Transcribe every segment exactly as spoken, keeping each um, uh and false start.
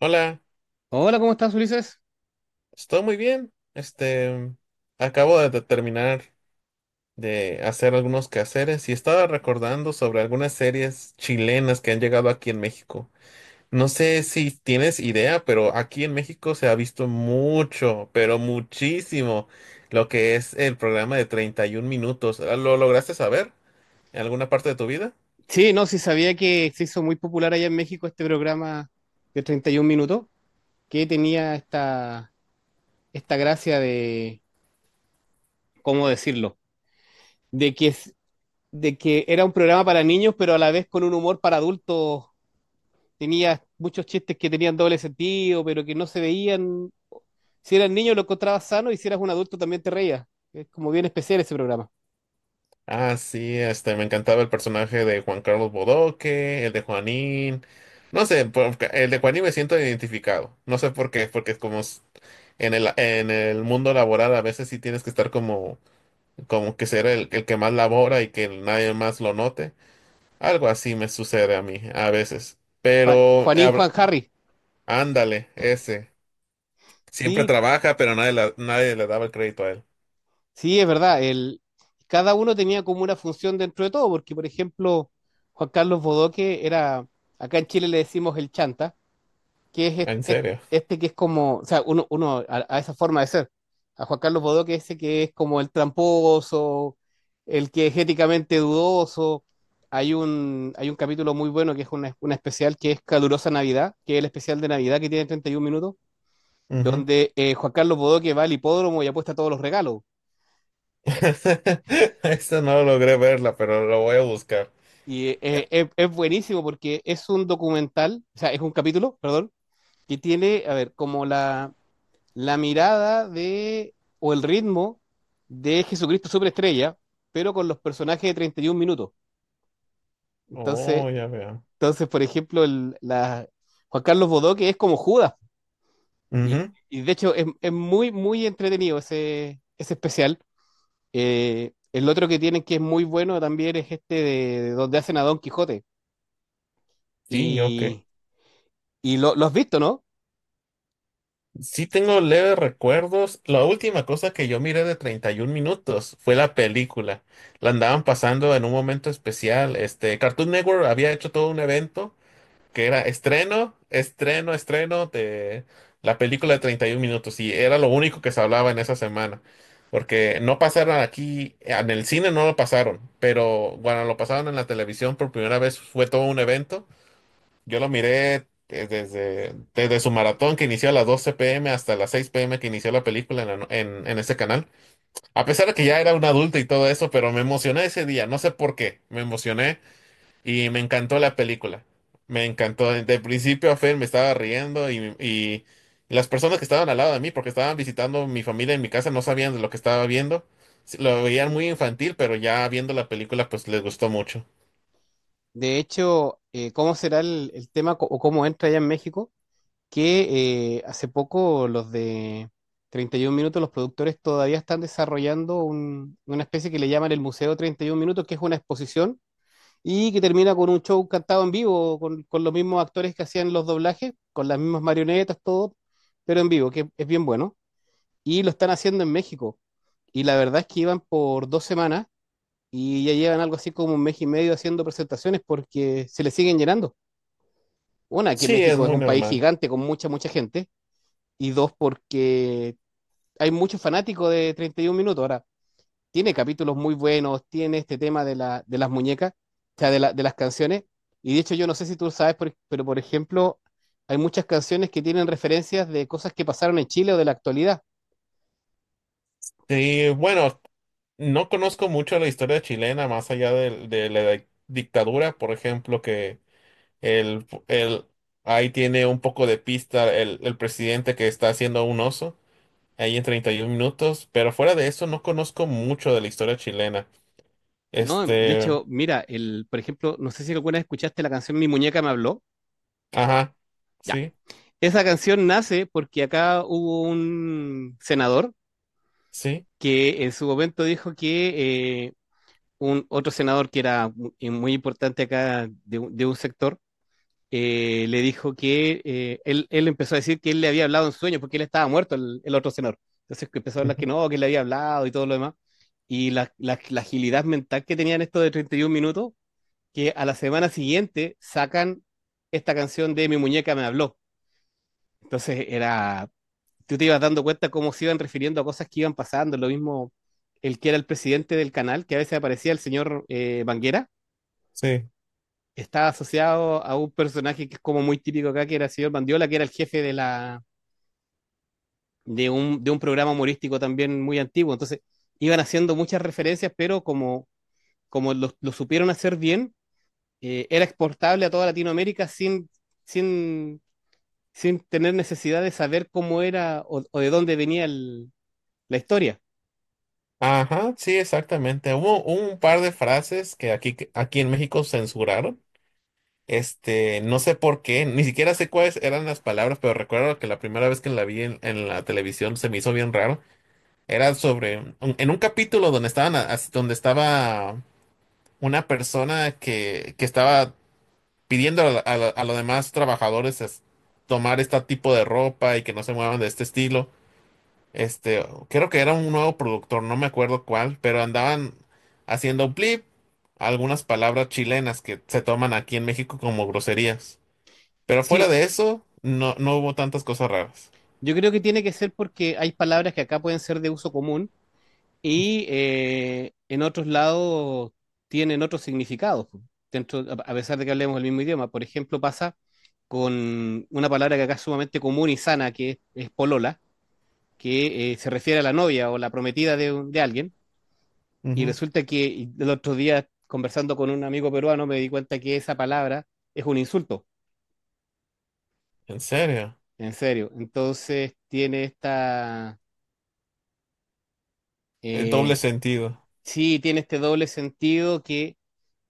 Hola, Hola, ¿cómo estás, Ulises? estoy muy bien. Este, acabo de terminar de hacer algunos quehaceres y estaba recordando sobre algunas series chilenas que han llegado aquí en México. No sé si tienes idea, pero aquí en México se ha visto mucho, pero muchísimo, lo que es el programa de treinta y un minutos. ¿Lo lograste saber en alguna parte de tu vida? Sí, no, sí sabía que se hizo muy popular allá en México este programa de treinta y uno minutos, que tenía esta, esta gracia de, ¿cómo decirlo? De que, es- de que era un programa para niños, pero a la vez con un humor para adultos. Tenía muchos chistes que tenían doble sentido, pero que no se veían. Si eras niño lo encontrabas sano y si eras un adulto también te reías. Es como bien especial ese programa. Ah, sí, este, me encantaba el personaje de Juan Carlos Bodoque, el de Juanín. No sé, por- el de Juanín me siento identificado. No sé por qué, porque es como s- en el, en el mundo laboral a veces sí tienes que estar como, como que ser el, el que más labora y que nadie más lo note. Algo así me sucede a mí a veces. Juan, Pero Juanín habl- Juan Harry. ándale, ese. Siempre Sí, trabaja, pero nadie, la- nadie le daba el crédito a él. sí, es verdad. El, cada uno tenía como una función dentro de todo, porque por ejemplo, Juan Carlos Bodoque era, acá en Chile le decimos el chanta, que es est- En est- serio. este, que es como, o sea, uno, uno a, a esa forma de ser. A Juan Carlos Bodoque ese que es como el tramposo, el que es éticamente dudoso. Hay un, hay un capítulo muy bueno que es una, una especial que es Calurosa Navidad, que es el especial de Navidad que tiene treinta y uno minutos, donde eh, Juan Carlos Bodoque va al hipódromo y apuesta todos los regalos. Esta no logré verla, pero lo voy a buscar. Y eh, eh, es, es buenísimo porque es un documental, o sea, es un capítulo, perdón, que tiene, a ver, como la, la mirada de, o el ritmo de Jesucristo Superestrella, pero con los personajes de treinta y uno minutos. Entonces, Oh, ya veo. entonces por ejemplo, el, la, Juan Carlos Bodoque es como Judas. Y, Ujú. y de hecho es, es muy, muy entretenido ese, ese especial. Eh, el otro que tienen que es muy bueno también es este de, de donde hacen a Don Quijote. Sí, yo que Y, y lo, lo has visto, ¿no? sí tengo leves recuerdos. La última cosa que yo miré de treinta y un minutos fue la película. La andaban pasando en un momento especial. Este, Cartoon Network había hecho todo un evento que era estreno, estreno, estreno de la película de treinta y un minutos y era lo único que se hablaba en esa semana. Porque no pasaron aquí, en el cine no lo pasaron, pero cuando lo pasaron en la televisión por primera vez fue todo un evento. Yo lo miré eh, desde, desde su maratón que inició a las doce p m hasta las seis p m que inició la película en, la no- en, en ese canal. A pesar de que ya era un adulto y todo eso, pero me emocioné ese día, no sé por qué, me emocioné y me encantó la película. Me encantó. De principio a fin me estaba riendo y, y las personas que estaban al lado de mí, porque estaban visitando mi familia en mi casa, no sabían de lo que estaba viendo. Sí, lo veían muy infantil, pero ya viendo la película, pues les gustó mucho. De hecho, eh, ¿cómo será el, el tema co- o cómo entra allá en México? Que eh, hace poco los de treinta y uno Minutos, los productores todavía están desarrollando un- una especie que le llaman el Museo treinta y uno Minutos, que es una exposición y que termina con un show cantado en vivo, con, con los mismos actores que hacían los doblajes, con las mismas marionetas, todo, pero en vivo, que es bien bueno. Y lo están haciendo en México. Y la verdad es que iban por dos semanas y ya llevan algo así como un mes y medio haciendo presentaciones porque se le siguen llenando. Una, que Sí, es México es muy un país normal. gigante con mucha, mucha gente, y dos, porque hay muchos fanáticos de treinta y uno minutos. Ahora, tiene capítulos muy buenos, tiene este tema de, la, de las muñecas, o sea, de, la- de las canciones, y de hecho yo no sé si tú sabes, por- pero por ejemplo, hay muchas canciones que tienen referencias de cosas que pasaron en Chile o de la actualidad. Y bueno, no conozco mucho la historia chilena más allá de, de la di- dictadura, por ejemplo, que el, el, ahí tiene un poco de pista el, el presidente que está haciendo un oso. Ahí en treinta y un minutos, pero fuera de eso no conozco mucho de la historia chilena. No, de Este, hecho, mira, el, por ejemplo, no sé si alguna vez escuchaste la canción Mi muñeca me habló. ajá, sí, Esa canción nace porque acá hubo un senador sí, que en su momento dijo que eh, un otro senador que era mu- eh, muy importante acá de, un de un sector eh, le dijo que eh, él, él empezó a decir que él le había hablado en sueño porque él estaba muerto, el, el otro senador. Entonces que empezó a hablar que ujú, no, que él le había hablado y todo lo demás. Y la, la, la agilidad mental que tenían esto de treinta y uno minutos, que a la semana siguiente sacan esta canción de Mi muñeca me habló. Entonces era tú te ibas dando cuenta cómo se iban refiriendo a cosas que iban pasando. Lo mismo, el que era el presidente del canal, que a veces aparecía el señor eh, Banguera, sí, estaba asociado a un personaje que es como muy típico acá, que era el señor Bandiola, que era el jefe de, la, de, un, de un programa humorístico también muy antiguo. Entonces, iban haciendo muchas referencias, pero como, como lo, lo supieron hacer bien, eh, era exportable a toda Latinoamérica sin, sin, sin tener necesidad de saber cómo era o, o de dónde venía el, la historia. ajá, sí, exactamente. Hubo, hubo un par de frases que aquí, que aquí en México censuraron. Este, no sé por qué, ni siquiera sé cuáles eran las palabras, pero recuerdo que la primera vez que la vi en, en la televisión se me hizo bien raro. Era sobre, un- en un capítulo donde estaban, a- as- donde estaba una persona que, que estaba pidiendo a, a, a los demás trabajadores es- tomar este tipo de ropa y que no se muevan de este estilo. Este, creo que era un nuevo productor, no me acuerdo cuál, pero andaban haciendo blip algunas palabras chilenas que se toman aquí en México como groserías. Pero fuera Sí, de eso, no, no hubo tantas cosas raras. yo creo que tiene que ser porque hay palabras que acá pueden ser de uso común y eh, en otros lados tienen otros significados, po, dentro, a a pesar de que hablemos el mismo idioma. Por ejemplo, pasa con una palabra que acá es sumamente común y sana, que es, es polola, que eh, se refiere a la novia o la prometida de, un- de alguien. Y Ujú. resulta que y el otro día, conversando con un amigo peruano, me di cuenta que esa palabra es un insulto, En serio, en serio. Entonces tiene esta el doble eh, sentido. sí tiene este doble sentido que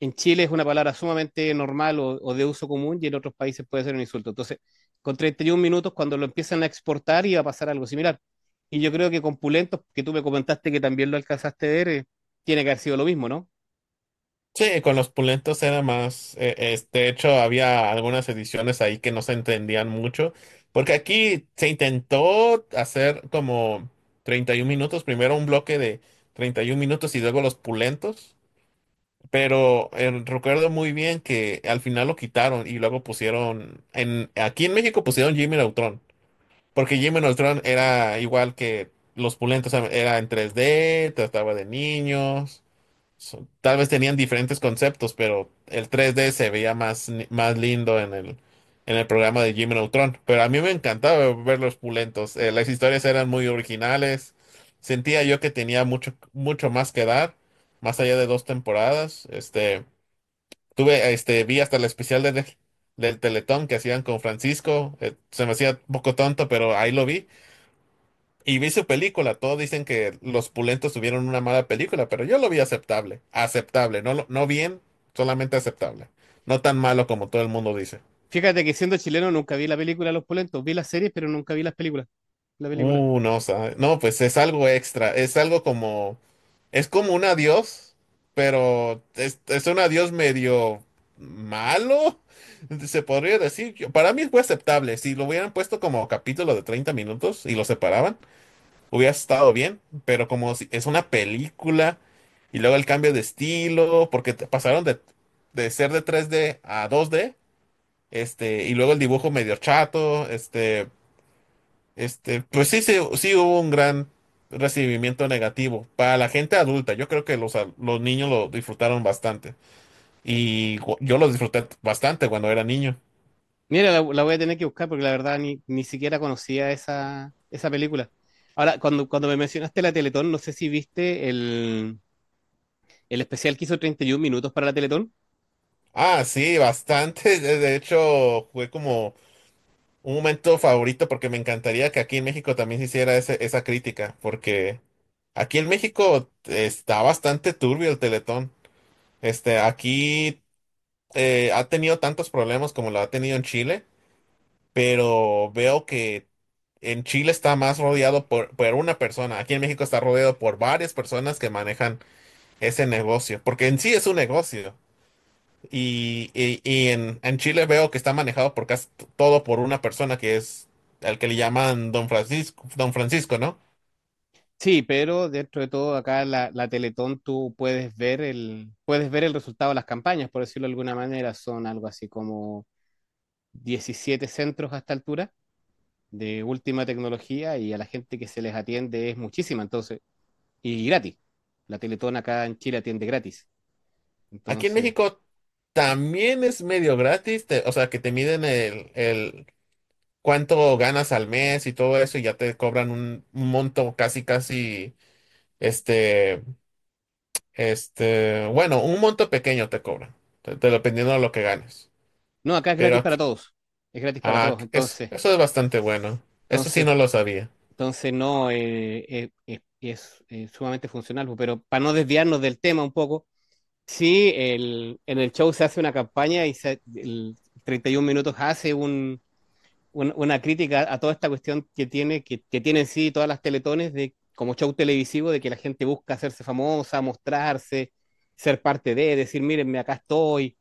en Chile es una palabra sumamente normal o, o, de uso común y en otros países puede ser un insulto. Entonces, con treinta y uno minutos, cuando lo empiezan a exportar, iba a pasar algo similar. Y yo creo que con Pulentos, que tú me comentaste que también lo alcanzaste a ver, eh, tiene que haber sido lo mismo, ¿no? Sí, con los pulentos era más, eh, es- de hecho había algunas ediciones ahí que no se entendían mucho, porque aquí se intentó hacer como treinta y un minutos, primero un bloque de treinta y un minutos y luego los pulentos, pero eh, recuerdo muy bien que al final lo quitaron y luego pusieron, en, aquí en México pusieron Jimmy Neutron, porque Jimmy Neutron era igual que los pulentos, era en tres d trataba de niños. So- tal vez tenían diferentes conceptos, pero el tres D se veía más, ni- más lindo en el, en el programa de Jimmy Neutron. Pero a mí me encantaba ver los pulentos. Eh, las historias eran muy originales. Sentía yo que tenía mucho, mucho más que dar, más allá de dos temporadas. Este, tuve, este, vi hasta el especial de, del Teletón que hacían con Francisco. Eh, se me hacía un poco tonto, pero ahí lo vi. Y vi su película, todos dicen que los pulentos tuvieron una mala película, pero yo lo vi aceptable, aceptable, no, lo- no bien, solamente aceptable, no tan malo como todo el mundo dice. Fíjate que siendo chileno nunca vi la película Los Pulentos, vi las series, pero nunca vi las películas, la película. Uh, no, sabe- no, pues es algo extra, es algo como, es como un adiós, pero es, es un adiós medio malo, se podría decir. Yo- Para mí fue aceptable, si lo hubieran puesto como capítulo de treinta minutos y lo separaban hubiera estado bien, pero como si- es una película y luego el cambio de estilo, porque te- pasaron de, de ser de tres D a dos D, este, y luego el dibujo medio chato, este, este, pues sí, sí, sí hubo un gran recibimiento negativo para la gente adulta. Yo creo que los, a- los niños lo disfrutaron bastante y gu- yo lo disfruté bastante cuando era niño. Mira, la, la voy a tener que buscar porque la verdad ni, ni siquiera conocía esa, esa película. Ahora, cuando, cuando me mencionaste la Teletón, no sé si viste el, el especial que hizo treinta y uno minutos para la Teletón. Ah, sí, bastante. De de hecho, fue como un momento favorito porque me encantaría que aquí en México también se hiciera ese- esa crítica, porque aquí en México está bastante turbio el Teletón. Este, aquí eh, ha tenido tantos problemas como lo ha tenido en Chile, pero veo que en Chile está más rodeado por, por una persona. Aquí en México está rodeado por varias personas que manejan ese negocio, porque en sí es un negocio. Y, y- y en, en Chile veo que está manejado por casi t- todo por una persona que es al que le llaman Don Francisco, Don Francisco, ¿no? Sí, pero dentro de todo acá la, la Teletón tú puedes ver el puedes ver el resultado de las campañas, por decirlo de alguna manera, son algo así como diecisiete centros a esta altura de última tecnología y a la gente que se les atiende es muchísima, entonces, y gratis. La Teletón acá en Chile atiende gratis. Aquí en Entonces, México también es medio gratis, te- o sea, que te miden el, el cuánto ganas al mes y todo eso y ya te cobran un, un monto casi, casi, este, este, bueno, un monto pequeño te cobran, de- de- dependiendo de lo que ganes. no, acá es Pero gratis para aquí, todos. Es gratis para ah, todos, eso, entonces, eso es bastante bueno. Eso sí entonces no lo sabía. Entonces, no, eh, eh, eh, es, eh, sumamente funcional, pues, pero para no desviarnos del tema un poco, sí, el, en el show se hace una campaña y se, el treinta y uno Minutos hace un, un- una crítica a toda esta cuestión que tiene, que, que tienen sí todas las teletones de, como show televisivo, de que la gente busca hacerse famosa, mostrarse, ser parte de, decir, mírenme, acá estoy.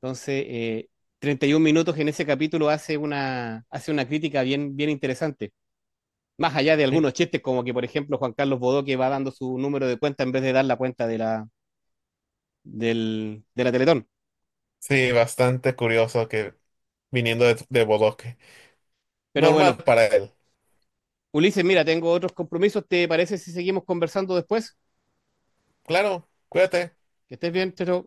Entonces, eh, treinta y uno Minutos en ese capítulo hace una, hace una crítica bien, bien interesante. Más allá de Sí. algunos chistes, como que, por ejemplo, Juan Carlos Bodoque va dando su número de cuenta en vez de dar la cuenta de la, del, de la Teletón. Sí, bastante curioso que viniendo de, de Bodoque. Pero Normal bueno, para él. Ulises, mira, tengo otros compromisos. ¿Te parece si seguimos conversando después? Claro, cuídate. Que estés bien, chao. Chao.